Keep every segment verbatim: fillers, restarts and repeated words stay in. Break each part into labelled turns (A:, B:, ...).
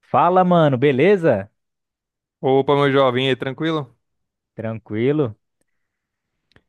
A: Fala, mano, beleza?
B: Opa, meu jovem, e aí, tranquilo?
A: Tranquilo?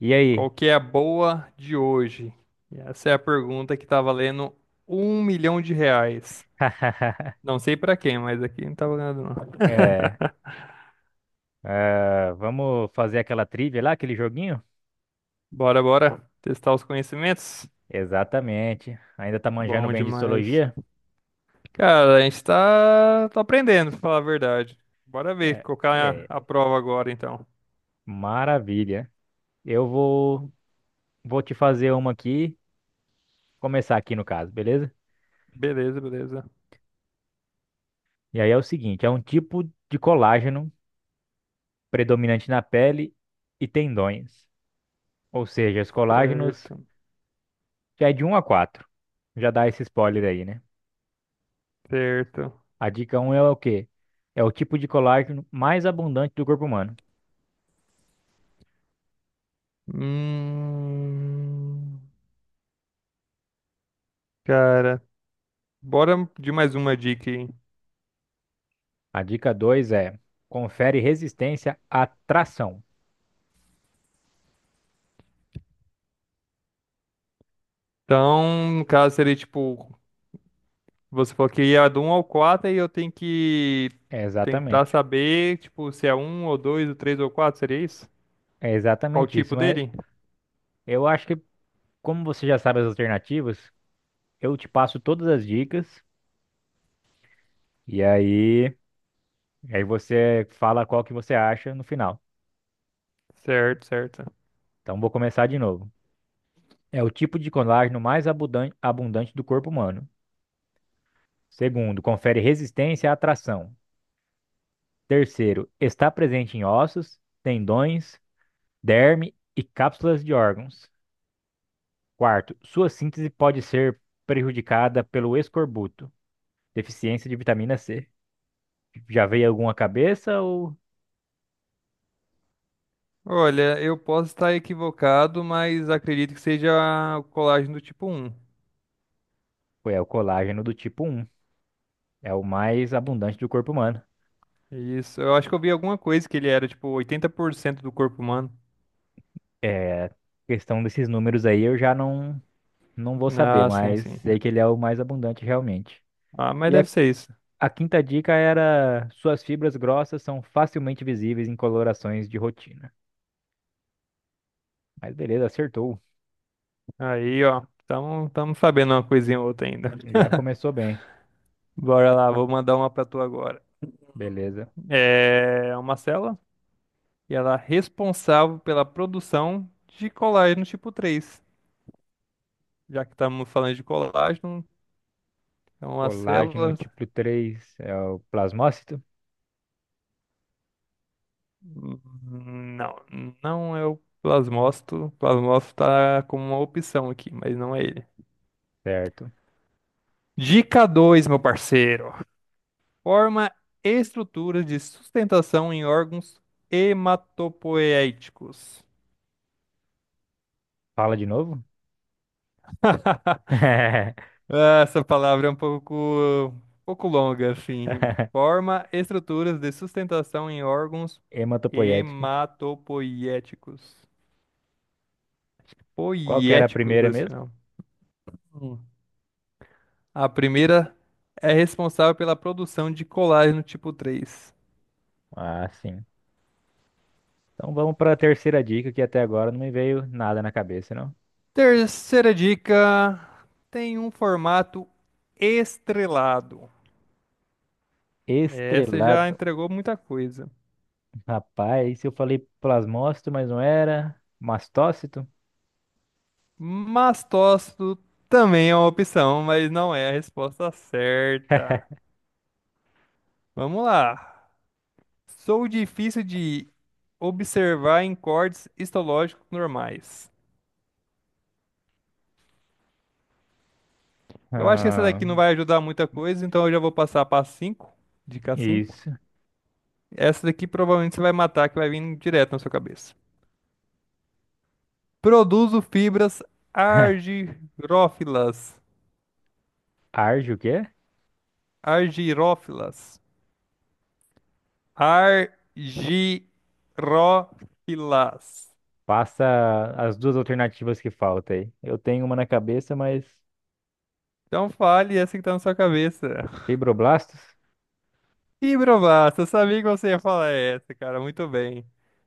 A: E aí?
B: Qual que é a boa de hoje? E Essa é a pergunta que tá valendo um milhão de reais. Não sei pra quem, mas aqui não tá valendo não.
A: É, ah, vamos fazer aquela trivia lá, aquele joguinho?
B: Bora, bora testar os conhecimentos?
A: Exatamente. Ainda tá manjando
B: Bom
A: bem de
B: demais.
A: histologia?
B: Cara, a gente tá, tá aprendendo, pra falar a verdade. Bora ver,
A: É,
B: colocar a, a
A: é,
B: prova agora então.
A: maravilha. Eu vou, vou te fazer uma aqui, começar aqui no caso, beleza?
B: Beleza, beleza.
A: E aí é o seguinte, é um tipo de colágeno predominante na pele e tendões. Ou seja, os colágenos
B: Certo,
A: já é de um a quatro. Já dá esse spoiler aí, né?
B: certo.
A: A dica um é o quê? É o tipo de colágeno mais abundante do corpo humano.
B: Hum, cara, bora de mais uma dica aí.
A: A dica dois é confere resistência à tração.
B: Então, no caso, seria tipo, você falou que ia do um ao quatro, e eu tenho que
A: É
B: tentar
A: exatamente.
B: saber, tipo, se é um ou dois ou três ou quatro seria isso?
A: É
B: Qual o
A: exatamente
B: tipo
A: isso. Mas
B: dele?
A: eu acho que, como você já sabe as alternativas, eu te passo todas as dicas e aí, e aí você fala qual que você acha no final.
B: Certo, certo.
A: Então vou começar de novo. É o tipo de colágeno mais abundan- abundante do corpo humano. Segundo, confere resistência à tração. Terceiro, está presente em ossos, tendões, derme e cápsulas de órgãos. Quarto, sua síntese pode ser prejudicada pelo escorbuto, deficiência de vitamina cê. Já veio alguma cabeça ou
B: Olha, eu posso estar equivocado, mas acredito que seja o colágeno do tipo um.
A: foi é o colágeno do tipo um. É o mais abundante do corpo humano.
B: Isso, eu acho que eu vi alguma coisa que ele era, tipo, oitenta por cento do corpo humano.
A: É, questão desses números aí eu já não não vou saber,
B: Ah, sim,
A: mas
B: sim.
A: sei que ele é o mais abundante realmente.
B: Ah, mas
A: E a,
B: deve ser isso.
A: a quinta dica era suas fibras grossas são facilmente visíveis em colorações de rotina. Mas beleza, acertou.
B: Aí, ó, estamos sabendo uma coisinha ou outra ainda.
A: Já começou bem.
B: Bora lá, vou mandar uma pra tu agora.
A: Beleza.
B: É uma célula e ela é responsável pela produção de colágeno tipo três. Já que estamos falando de colágeno, é uma
A: Colágeno
B: célula.
A: tipo três é o plasmócito?
B: hum, Não, não é o plasmócito. O plasmócito está como uma opção aqui, mas não é ele.
A: Certo.
B: Dica dois, meu parceiro. Forma estruturas de sustentação em órgãos hematopoéticos.
A: Fala de novo?
B: Ah, essa palavra é um pouco, um pouco longa, assim. Forma estruturas de sustentação em órgãos
A: Hematopoética.
B: hematopoiéticos.
A: Qual que era a
B: Poiéticos,
A: primeira
B: esse
A: mesmo?
B: não. Hum. A primeira é responsável pela produção de colágeno tipo três.
A: Ah, sim. Então vamos para a terceira dica, que até agora não me veio nada na cabeça, não.
B: Terceira dica, tem um formato estrelado. Essa já
A: Estrelado.
B: entregou muita coisa.
A: Rapaz, eu falei plasmócito, mas não era. Mastócito?
B: Mastócito também é uma opção, mas não é a resposta certa. Vamos lá. Sou difícil de observar em cortes histológicos normais. Eu acho que essa
A: Ah,
B: daqui não vai ajudar muita coisa, então eu já vou passar para cinco, dica cinco.
A: isso.
B: Essa daqui provavelmente você vai matar, que vai vir direto na sua cabeça. Produzo fibras argirófilas.
A: Arge o quê?
B: Argirófilas. Argirófilas.
A: Passa as duas alternativas que faltam aí. Eu tenho uma na cabeça, mas
B: Então fale essa que tá na sua cabeça.
A: fibroblastos?
B: Ih, Brovato, eu sabia que você ia falar essa, cara. Muito bem.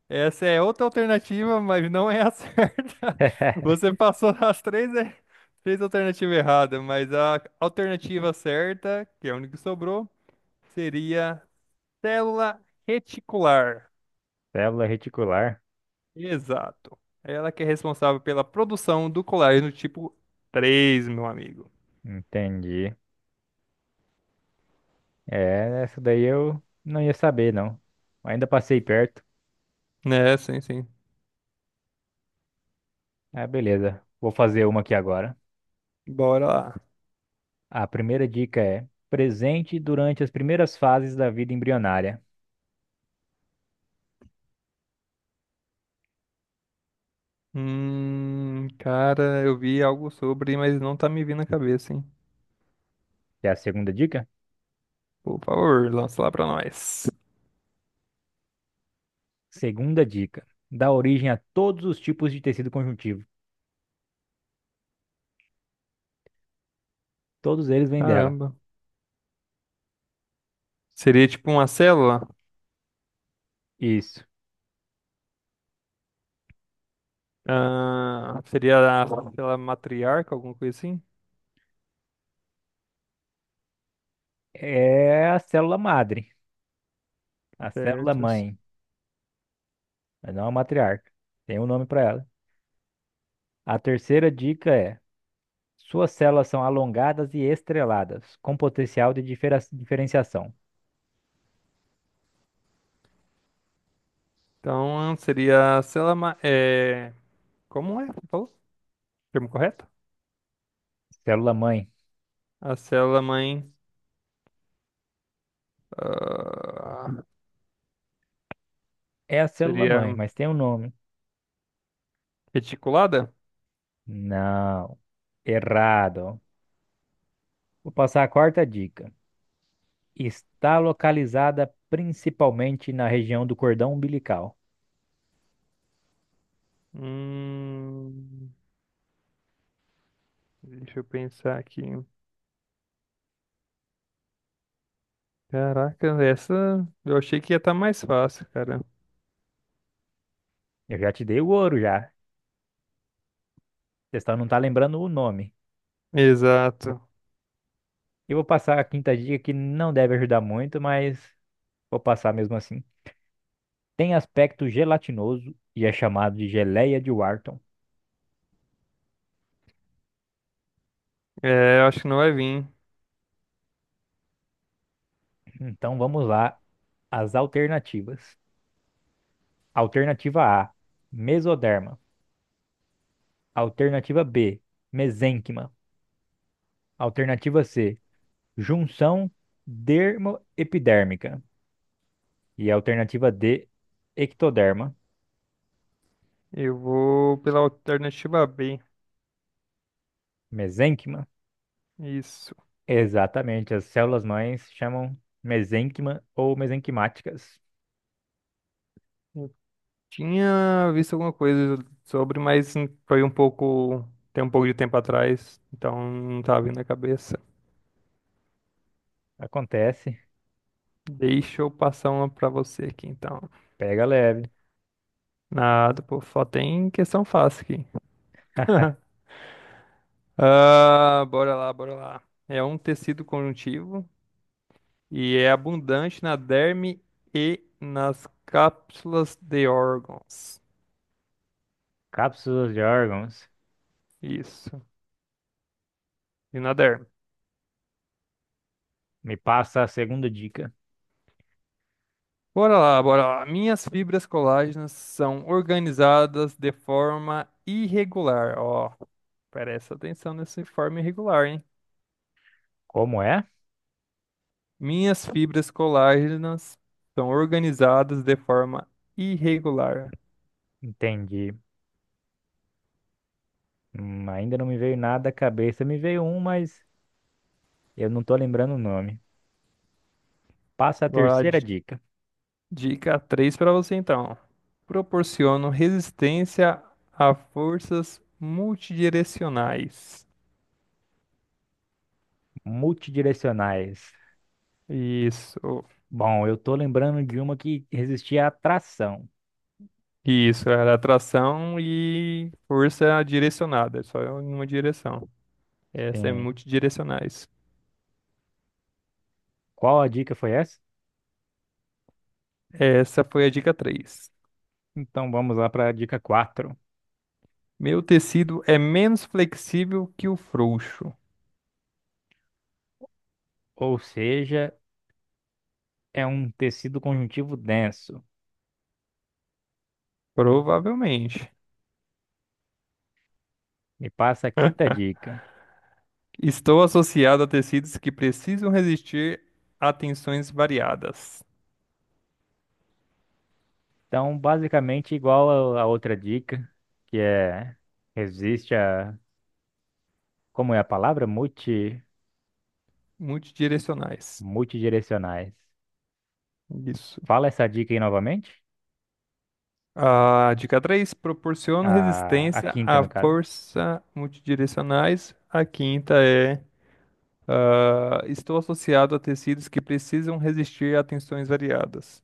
B: Essa é outra alternativa, mas não é a certa. Você passou as três, er- três alternativas erradas, mas a alternativa certa, que é a única que sobrou, seria célula reticular.
A: Célula reticular.
B: Exato. Ela que é responsável pela produção do colágeno tipo três, meu amigo.
A: Entendi. É, essa daí eu não ia saber, não. Ainda passei perto.
B: Né, sim, sim.
A: Ah, beleza. Vou fazer uma aqui agora.
B: Bora lá.
A: A primeira dica é presente durante as primeiras fases da vida embrionária.
B: Hum, cara, eu vi algo sobre, mas não tá me vindo na cabeça, hein?
A: Que é a segunda dica?
B: Por favor, lança lá pra nós.
A: Segunda dica. Dá origem a todos os tipos de tecido conjuntivo. Todos eles vêm dela.
B: Caramba. Seria tipo uma célula?
A: Isso.
B: Ah, seria a célula matriarca, alguma coisa assim?
A: É a célula madre, a célula
B: Certo.
A: mãe, mas não a matriarca. Tem um nome para ela. A terceira dica é suas células são alongadas e estreladas, com potencial de difera- diferenciação.
B: Então, seria a célula. ma- É... Como é? Você falou? Termo correto?
A: Célula-mãe.
B: A célula mãe. ah,
A: É a
B: Seria
A: célula-mãe, mas tem um nome.
B: reticulada?
A: Não, errado. Vou passar a quarta dica. Está localizada principalmente na região do cordão umbilical.
B: Hum, deixa eu pensar aqui. Caraca, essa eu achei que ia estar mais fácil, cara.
A: Eu já te dei o ouro já. Você só não tá lembrando o nome.
B: Exato.
A: Eu vou passar a quinta dica que não deve ajudar muito, mas vou passar mesmo assim. Tem aspecto gelatinoso e é chamado de geleia de Wharton.
B: É, eu acho que não vai vir.
A: Então vamos lá. As alternativas. Alternativa á, mesoderma. Alternativa bê, mesênquima. Alternativa cê, junção dermoepidérmica. E a alternativa dê, ectoderma,
B: Eu vou pela alternativa B.
A: mesênquima.
B: Isso.
A: Exatamente, as células-mães chamam mesênquima ou mesenquimáticas.
B: Eu tinha visto alguma coisa sobre, mas foi um pouco. Tem um pouco de tempo atrás, então não tá vindo na cabeça.
A: Acontece,
B: Deixa eu passar uma pra você aqui, então.
A: pega leve.
B: Nada, pô, só tem questão fácil aqui. Ah, bora lá, bora lá. É um tecido conjuntivo e é abundante na derme e nas cápsulas de órgãos.
A: Cápsulas de órgãos.
B: Isso. E na derme.
A: Me passa a segunda dica.
B: Bora lá, bora lá. Minhas fibras colágenas são organizadas de forma irregular. Ó, presta atenção nessa forma irregular, hein?
A: Como é?
B: Minhas fibras colágenas são organizadas de forma irregular.
A: Entendi. Hum, ainda não me veio nada à cabeça. Me veio um, mas eu não tô lembrando o nome. Passa a
B: Bora lá,
A: terceira
B: di-
A: dica.
B: dica três para você então. Proporcionam resistência a forças multidirecionais.
A: Multidirecionais.
B: Isso.
A: Bom, eu tô lembrando de uma que resistia à atração.
B: Isso, era atração e força direcionada, só em uma direção. Essa é
A: Sim.
B: multidirecionais.
A: Qual a dica foi essa?
B: Essa foi a dica três.
A: Então vamos lá para a dica quatro.
B: Meu tecido é menos flexível que o frouxo.
A: Ou seja, é um tecido conjuntivo denso.
B: Provavelmente.
A: Me passa a quinta dica.
B: Estou associado a tecidos que precisam resistir a tensões variadas.
A: Então, basicamente igual a a outra dica, que é resiste a, como é a palavra? Multi,
B: Multidirecionais.
A: multidirecionais.
B: Isso.
A: Fala essa dica aí novamente.
B: A dica três proporciona
A: A, a
B: resistência
A: quinta,
B: à
A: no caso.
B: força multidirecionais. A quinta é. Ah, estou associado a tecidos que precisam resistir a tensões variadas.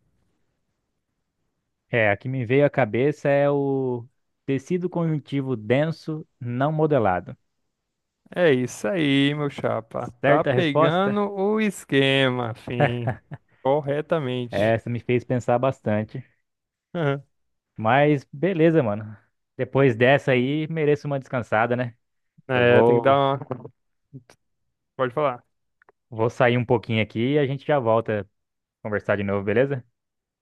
A: É, a que me veio à cabeça é o tecido conjuntivo denso não modelado.
B: É isso aí, meu chapa. Tá
A: Certa resposta?
B: pegando o esquema, fim. Corretamente.
A: Essa me fez pensar bastante.
B: Aham.
A: Mas beleza, mano. Depois dessa aí, mereço uma descansada, né? Eu
B: É, tem que dar
A: vou,
B: uma. Pode falar.
A: vou sair um pouquinho aqui e a gente já volta a conversar de novo, beleza?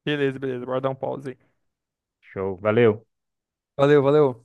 B: Beleza, beleza. Bora dar um pause aí.
A: Show, valeu.
B: Valeu, valeu.